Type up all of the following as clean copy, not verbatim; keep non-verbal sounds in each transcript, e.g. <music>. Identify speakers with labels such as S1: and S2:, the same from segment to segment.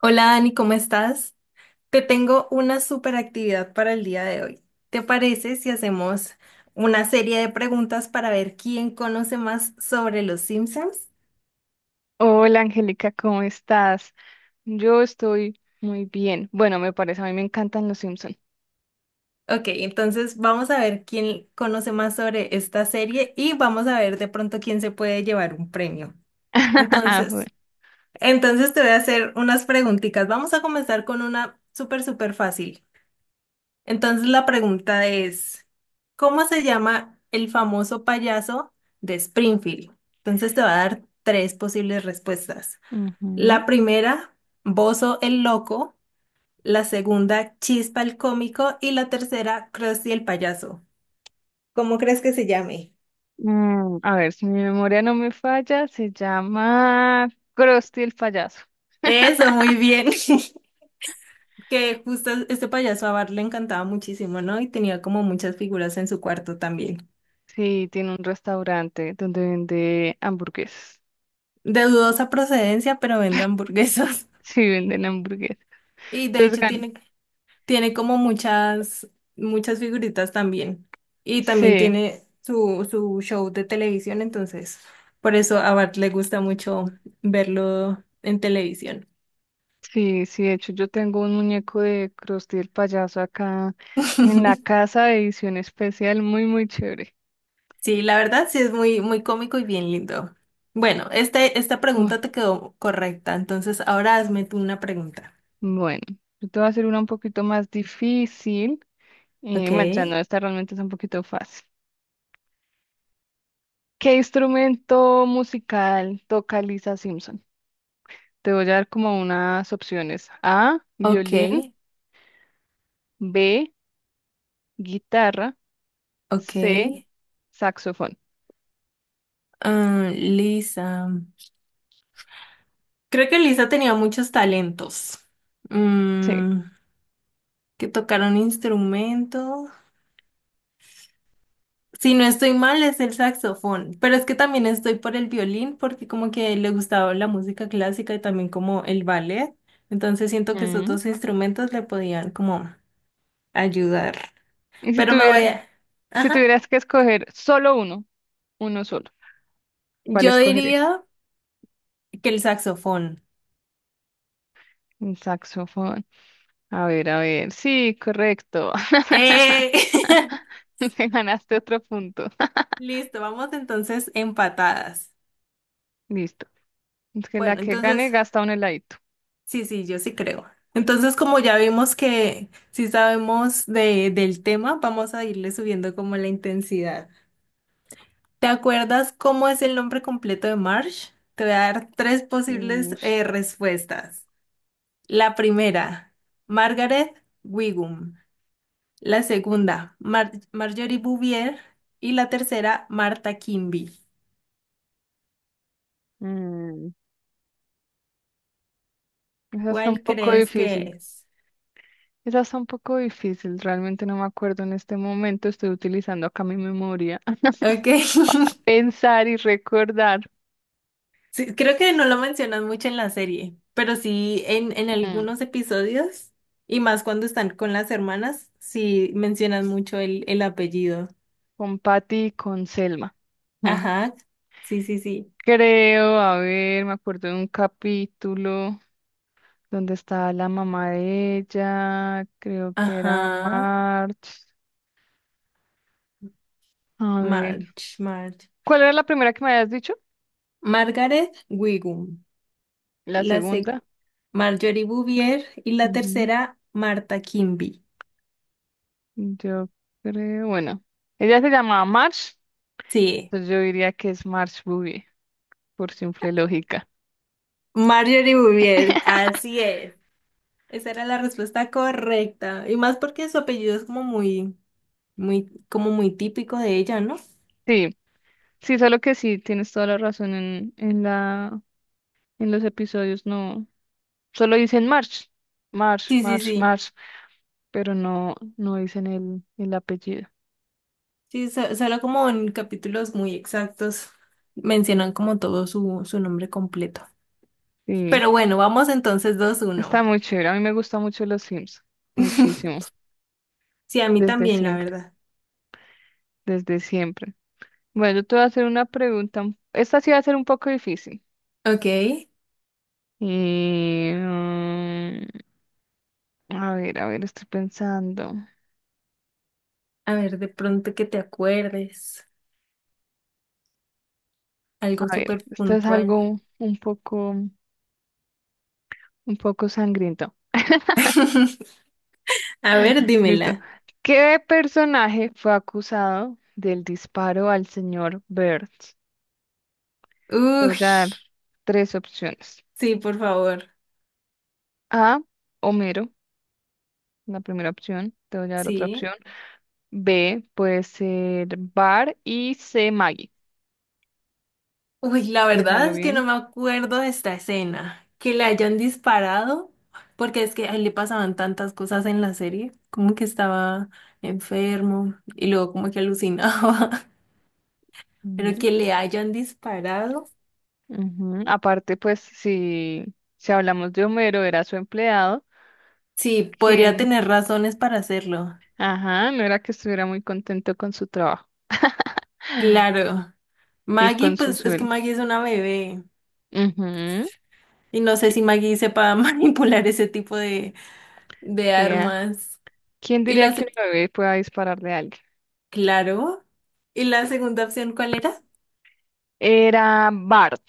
S1: Hola Dani, ¿cómo estás? Te tengo una super actividad para el día de hoy. ¿Te parece si hacemos una serie de preguntas para ver quién conoce más sobre los Simpsons?
S2: Hola Angélica, ¿cómo estás? Yo estoy muy bien. Bueno, me parece, a mí me encantan los Simpson.
S1: Ok, entonces vamos a ver quién conoce más sobre esta serie y vamos a ver de pronto quién se puede llevar un premio.
S2: <laughs> Bueno.
S1: Entonces, entonces te voy a hacer unas preguntitas. Vamos a comenzar con una súper, súper fácil. Entonces la pregunta es, ¿cómo se llama el famoso payaso de Springfield? Entonces te va a dar tres posibles respuestas.
S2: Ujú.
S1: La primera, Bozo el Loco, la segunda, Chispa el Cómico y la tercera, Krusty el Payaso. ¿Cómo crees que se llame?
S2: Mm, a ver, si mi memoria no me falla, se llama Krusty el payaso.
S1: Eso, muy bien. <laughs> Que justo este payaso a Bart le encantaba muchísimo, ¿no? Y tenía como muchas figuras en su cuarto también.
S2: Sí, tiene un restaurante donde vende hamburguesas.
S1: De dudosa procedencia, pero vende hamburguesas.
S2: <laughs>
S1: <laughs>
S2: Sí, venden hamburguesas.
S1: Y de
S2: Entonces
S1: hecho
S2: gana.
S1: tiene. Tiene como muchas, muchas figuritas también. Y también
S2: Sí,
S1: tiene su show de televisión, entonces por eso a Bart le gusta mucho verlo en televisión.
S2: sí, sí. De hecho, yo tengo un muñeco de Krusty el payaso acá en la
S1: <laughs>
S2: casa de edición especial, muy, muy chévere.
S1: Sí, la verdad sí es muy, muy cómico y bien lindo. Bueno, esta
S2: Uy.
S1: pregunta te quedó correcta, entonces ahora hazme tú una pregunta.
S2: Bueno, yo te voy a hacer una un poquito más difícil.
S1: Ok,
S2: Bueno, ya no, esta realmente es un poquito fácil. ¿Qué instrumento musical toca Lisa Simpson? Te voy a dar como unas opciones. A,
S1: ok,
S2: violín, B, guitarra,
S1: ok.
S2: C, saxofón.
S1: Ah, Lisa. Creo que Lisa tenía muchos talentos.
S2: Sí.
S1: Mm, que tocar un instrumento. Si no estoy mal, es el saxofón, pero es que también estoy por el violín porque como que le gustaba la música clásica y también como el ballet, entonces siento que esos
S2: Mm.
S1: dos instrumentos le podían como ayudar.
S2: Y si
S1: Pero me voy
S2: tuvieras,
S1: a...
S2: si
S1: Ajá.
S2: tuvieras que escoger solo uno, uno solo, ¿cuál
S1: Yo
S2: escogerías?
S1: diría que el saxofón.
S2: Un saxofón. A ver, a ver. Sí, correcto.
S1: ¡Eh! <laughs>
S2: <laughs> Me ganaste otro punto. <laughs>
S1: Listo, vamos entonces empatadas.
S2: Listo. Es que la
S1: Bueno,
S2: que gane
S1: entonces...
S2: gasta un heladito.
S1: Sí, sí, yo sí creo. Entonces, como ya vimos que sí sabemos del tema, vamos a irle subiendo como la intensidad. ¿Te acuerdas cómo es el nombre completo de Marsh? Te voy a dar tres posibles
S2: Ush,
S1: respuestas. La primera, Margaret Wiggum. La segunda, Marjorie Bouvier. Y la tercera, Marta Kimby.
S2: mm, esa está un
S1: ¿Cuál
S2: poco
S1: crees
S2: difícil.
S1: que es?
S2: Esa está un poco difícil. Realmente no me acuerdo en este momento. Estoy utilizando acá mi memoria. <laughs>
S1: Ok. <laughs>
S2: Pensar y recordar
S1: Sí, creo que no lo mencionas mucho en la serie, pero sí en
S2: mm,
S1: algunos episodios, y más cuando están con las hermanas, sí mencionan mucho el apellido.
S2: con Patty y con Selma. Mm.
S1: Ajá, sí, sí, sí.
S2: Creo, a ver, me acuerdo de un capítulo donde estaba la mamá de ella, creo que era
S1: Ajá,
S2: March. A ver,
S1: Marge, Marge.
S2: ¿cuál era la primera que me habías dicho?
S1: Margaret Wigum,
S2: La
S1: la sec-
S2: segunda.
S1: Marjorie Bouvier y la
S2: Ujú.
S1: tercera, Marta Kimby.
S2: Yo creo, bueno, ella se llamaba March,
S1: Sí,
S2: entonces yo diría que es March Boogie, por simple lógica.
S1: Marjorie Bouvier, así es. Esa era la respuesta correcta, y más porque su apellido es como muy... Muy, como muy típico de ella, ¿no?
S2: Sí, sí, solo que sí, tienes toda la razón en, en los episodios, no, solo dicen March, March,
S1: Sí, sí,
S2: March,
S1: sí.
S2: March, pero no, no dicen el apellido.
S1: Sí, solo como en capítulos muy exactos mencionan como todo su nombre completo.
S2: Sí,
S1: Pero bueno, vamos entonces dos
S2: está
S1: uno.
S2: muy chévere, a mí me gusta mucho los Sims, muchísimo,
S1: <laughs> Sí, a mí
S2: desde
S1: también, la
S2: siempre,
S1: verdad.
S2: desde siempre. Bueno, yo te voy a hacer una pregunta, esta sí va a ser un poco difícil.
S1: Ok,
S2: Y, a ver, a ver, estoy pensando.
S1: a ver, de pronto que te acuerdes. Algo
S2: A ver,
S1: súper
S2: esto es
S1: puntual.
S2: algo un poco sangriento.
S1: <laughs> A ver,
S2: Listo.
S1: dímela.
S2: ¿Qué personaje fue acusado del disparo al señor Burns? Te voy
S1: Uy,
S2: a dar tres opciones.
S1: sí, por favor.
S2: A, Homero, la primera opción. Te voy a dar otra
S1: Sí.
S2: opción. B, puede ser Bar y C, Maggie.
S1: Uy, la verdad
S2: Piénsalo
S1: es que
S2: bien.
S1: no me acuerdo de esta escena. Que le hayan disparado, porque es que a él le pasaban tantas cosas en la serie, como que estaba enfermo y luego como que alucinaba, <laughs> pero
S2: Ujú,
S1: que le hayan disparado.
S2: ujú. Aparte, pues, si, si hablamos de Homero, era su empleado.
S1: Sí, podría
S2: Que
S1: tener razones para hacerlo.
S2: ajá, no era que estuviera muy contento con su trabajo
S1: Claro.
S2: y
S1: Maggie,
S2: con su
S1: pues es que
S2: sueldo.
S1: Maggie es una bebé
S2: Ujú,
S1: y no sé
S2: que
S1: si Maggie sepa <laughs> manipular ese tipo de
S2: sea.
S1: armas.
S2: ¿Quién
S1: Y
S2: diría que
S1: las,
S2: un bebé pueda dispararle a alguien?
S1: claro. ¿Y la segunda opción cuál era?
S2: Era Bart.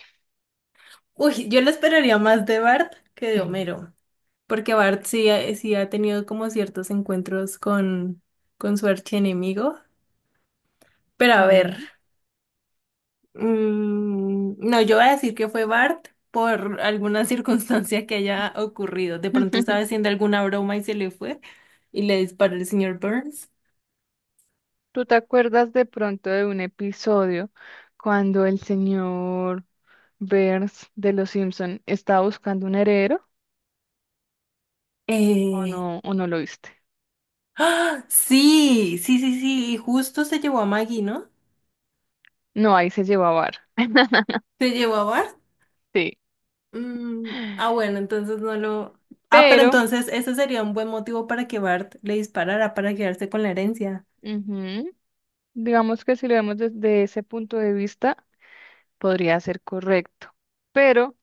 S1: Uy, yo lo esperaría más de Bart que de
S2: Mm.
S1: Homero, porque Bart sí, sí ha tenido como ciertos encuentros con su archienemigo. Pero a ver,
S2: Sí.
S1: no, yo voy a decir que fue Bart por alguna <laughs> circunstancia que haya ocurrido. De pronto estaba
S2: <laughs>
S1: haciendo alguna broma y se le fue y le disparó el señor Burns.
S2: ¿Tú te acuerdas de pronto de un episodio cuando el señor Burns de Los Simpson estaba buscando un heredero
S1: Eh,
S2: o no lo viste?
S1: ¡Ah! Sí, sí, sí, sí, y justo se llevó a Maggie, ¿no?
S2: No, ahí se llevó a Bart.
S1: Se llevó a Bart.
S2: Sí.
S1: Bueno, entonces no lo... Ah, pero
S2: Pero,
S1: entonces ese sería un buen motivo para que Bart le disparara para quedarse con la herencia.
S2: ujú, digamos que si lo vemos desde ese punto de vista, podría ser correcto, pero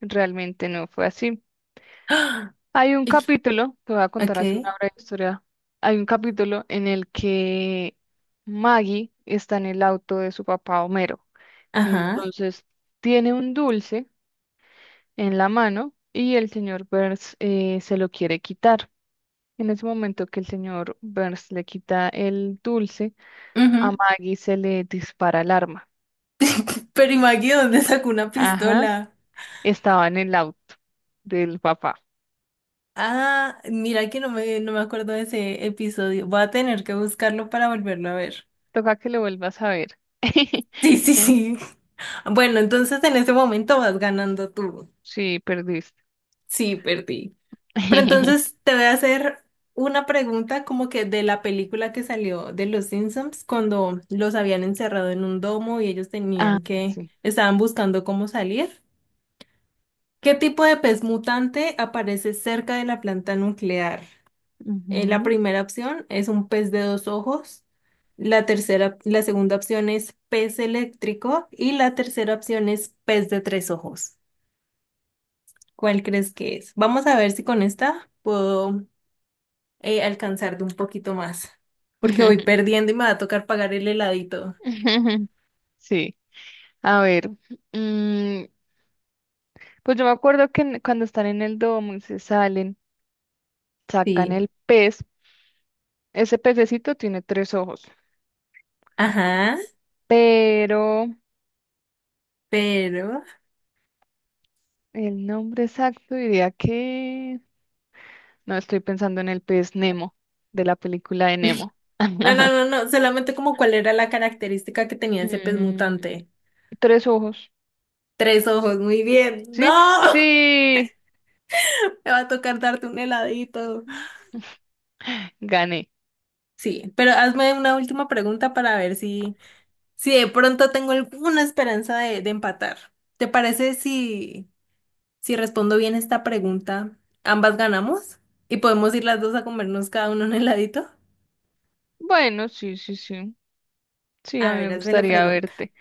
S2: realmente no fue así.
S1: ¡Ah!
S2: Hay un
S1: Y-
S2: capítulo, te voy a contar
S1: Ok,
S2: así una breve historia. Hay un capítulo en el que Maggie está en el auto de su papá Homero.
S1: ajá.
S2: Entonces tiene un dulce en la mano y el señor Burns se lo quiere quitar. En ese momento que el señor Burns le quita el dulce, a
S1: Ujú.
S2: Maggie se le dispara el arma.
S1: Pero ¿y Maggie dónde sacó una
S2: Ajá,
S1: pistola?
S2: estaba en el auto del papá.
S1: Ah, mira que no me acuerdo de ese episodio. Voy a tener que buscarlo para volverlo a ver.
S2: Toca que lo vuelvas a ver. <laughs>
S1: Sí, sí,
S2: Eh,
S1: sí. <laughs> Bueno, entonces en ese momento vas ganando tú.
S2: sí, perdiste.
S1: Sí, perdí. Pero
S2: <laughs>
S1: entonces te voy a hacer una pregunta como que de la película que salió de los Simpsons cuando los habían encerrado en un domo y ellos
S2: Ah,
S1: tenían que,
S2: sí.
S1: estaban buscando cómo salir. ¿Qué tipo de pez mutante aparece cerca de la planta nuclear? La
S2: Ujú.
S1: primera opción es un pez de dos ojos. La segunda opción es pez eléctrico y la tercera opción es pez de tres ojos. ¿Cuál crees que es? Vamos a ver si con esta puedo alcanzar de un poquito más, porque voy
S2: <laughs>
S1: perdiendo y me va a tocar pagar el heladito.
S2: Sí. A ver. Mm, pues yo me acuerdo que cuando están en el domo y se salen, sacan
S1: Sí.
S2: el pez. Ese pececito tiene tres ojos.
S1: Ajá,
S2: Pero
S1: pero...
S2: el nombre exacto diría que... No, estoy pensando en el pez Nemo, de la película de Nemo.
S1: No, no,
S2: <laughs>
S1: no, no, solamente como cuál era la característica que tenía ese pez
S2: Mm,
S1: mutante.
S2: tres ojos.
S1: Tres ojos, muy bien. No,
S2: ¿Sí?
S1: <laughs>
S2: Sí.
S1: me va a tocar darte un heladito.
S2: Gané.
S1: Sí, pero hazme una última pregunta para ver si, si de pronto tengo alguna esperanza de empatar. ¿Te parece si... Si respondo bien esta pregunta, ambas ganamos y podemos ir las dos a comernos cada uno un heladito.
S2: Bueno, sí, sí, sí. Sí, a
S1: A
S2: mí me
S1: ver, hazme la
S2: gustaría
S1: pregunta.
S2: verte.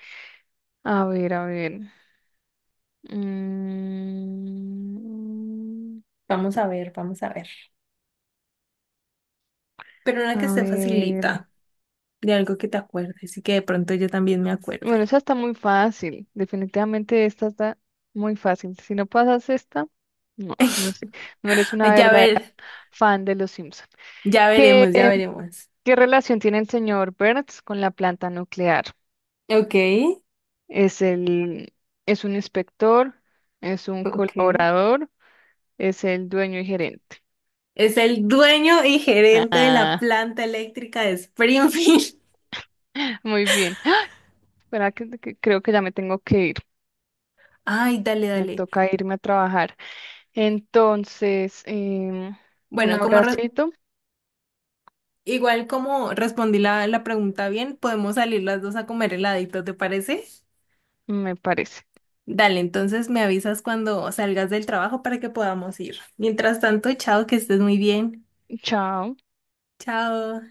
S2: A ver, a ver. Mm,
S1: Vamos a ver, vamos a ver. Pero una que
S2: a
S1: se
S2: ver.
S1: facilita, de algo que te acuerdes y que de pronto yo también me acuerde.
S2: Bueno, esa está muy fácil. Definitivamente esta está muy fácil. Si no pasas esta, no, no sé. No eres una
S1: Ay, ya
S2: verdadera
S1: ver,
S2: fan de los Simpson.
S1: ya
S2: ¿Qué,
S1: veremos, ya veremos.
S2: qué relación tiene el señor Burns con la planta nuclear?
S1: Ok,
S2: ¿Es el, es un inspector? ¿Es un
S1: ok.
S2: colaborador? ¿Es el dueño y gerente?
S1: Es el dueño y gerente de la
S2: Ah,
S1: planta eléctrica de Springfield.
S2: <laughs> muy bien. <gasps> Verá que creo que ya me tengo que ir.
S1: <laughs> Ay, dale,
S2: Me
S1: dale.
S2: toca irme a trabajar. Entonces, un
S1: Bueno,
S2: abracito,
S1: Igual como respondí la pregunta bien, podemos salir las dos a comer heladito, ¿te parece?
S2: me parece.
S1: Dale, entonces me avisas cuando salgas del trabajo para que podamos ir. Mientras tanto, chao, que estés muy bien.
S2: Chao.
S1: Chao.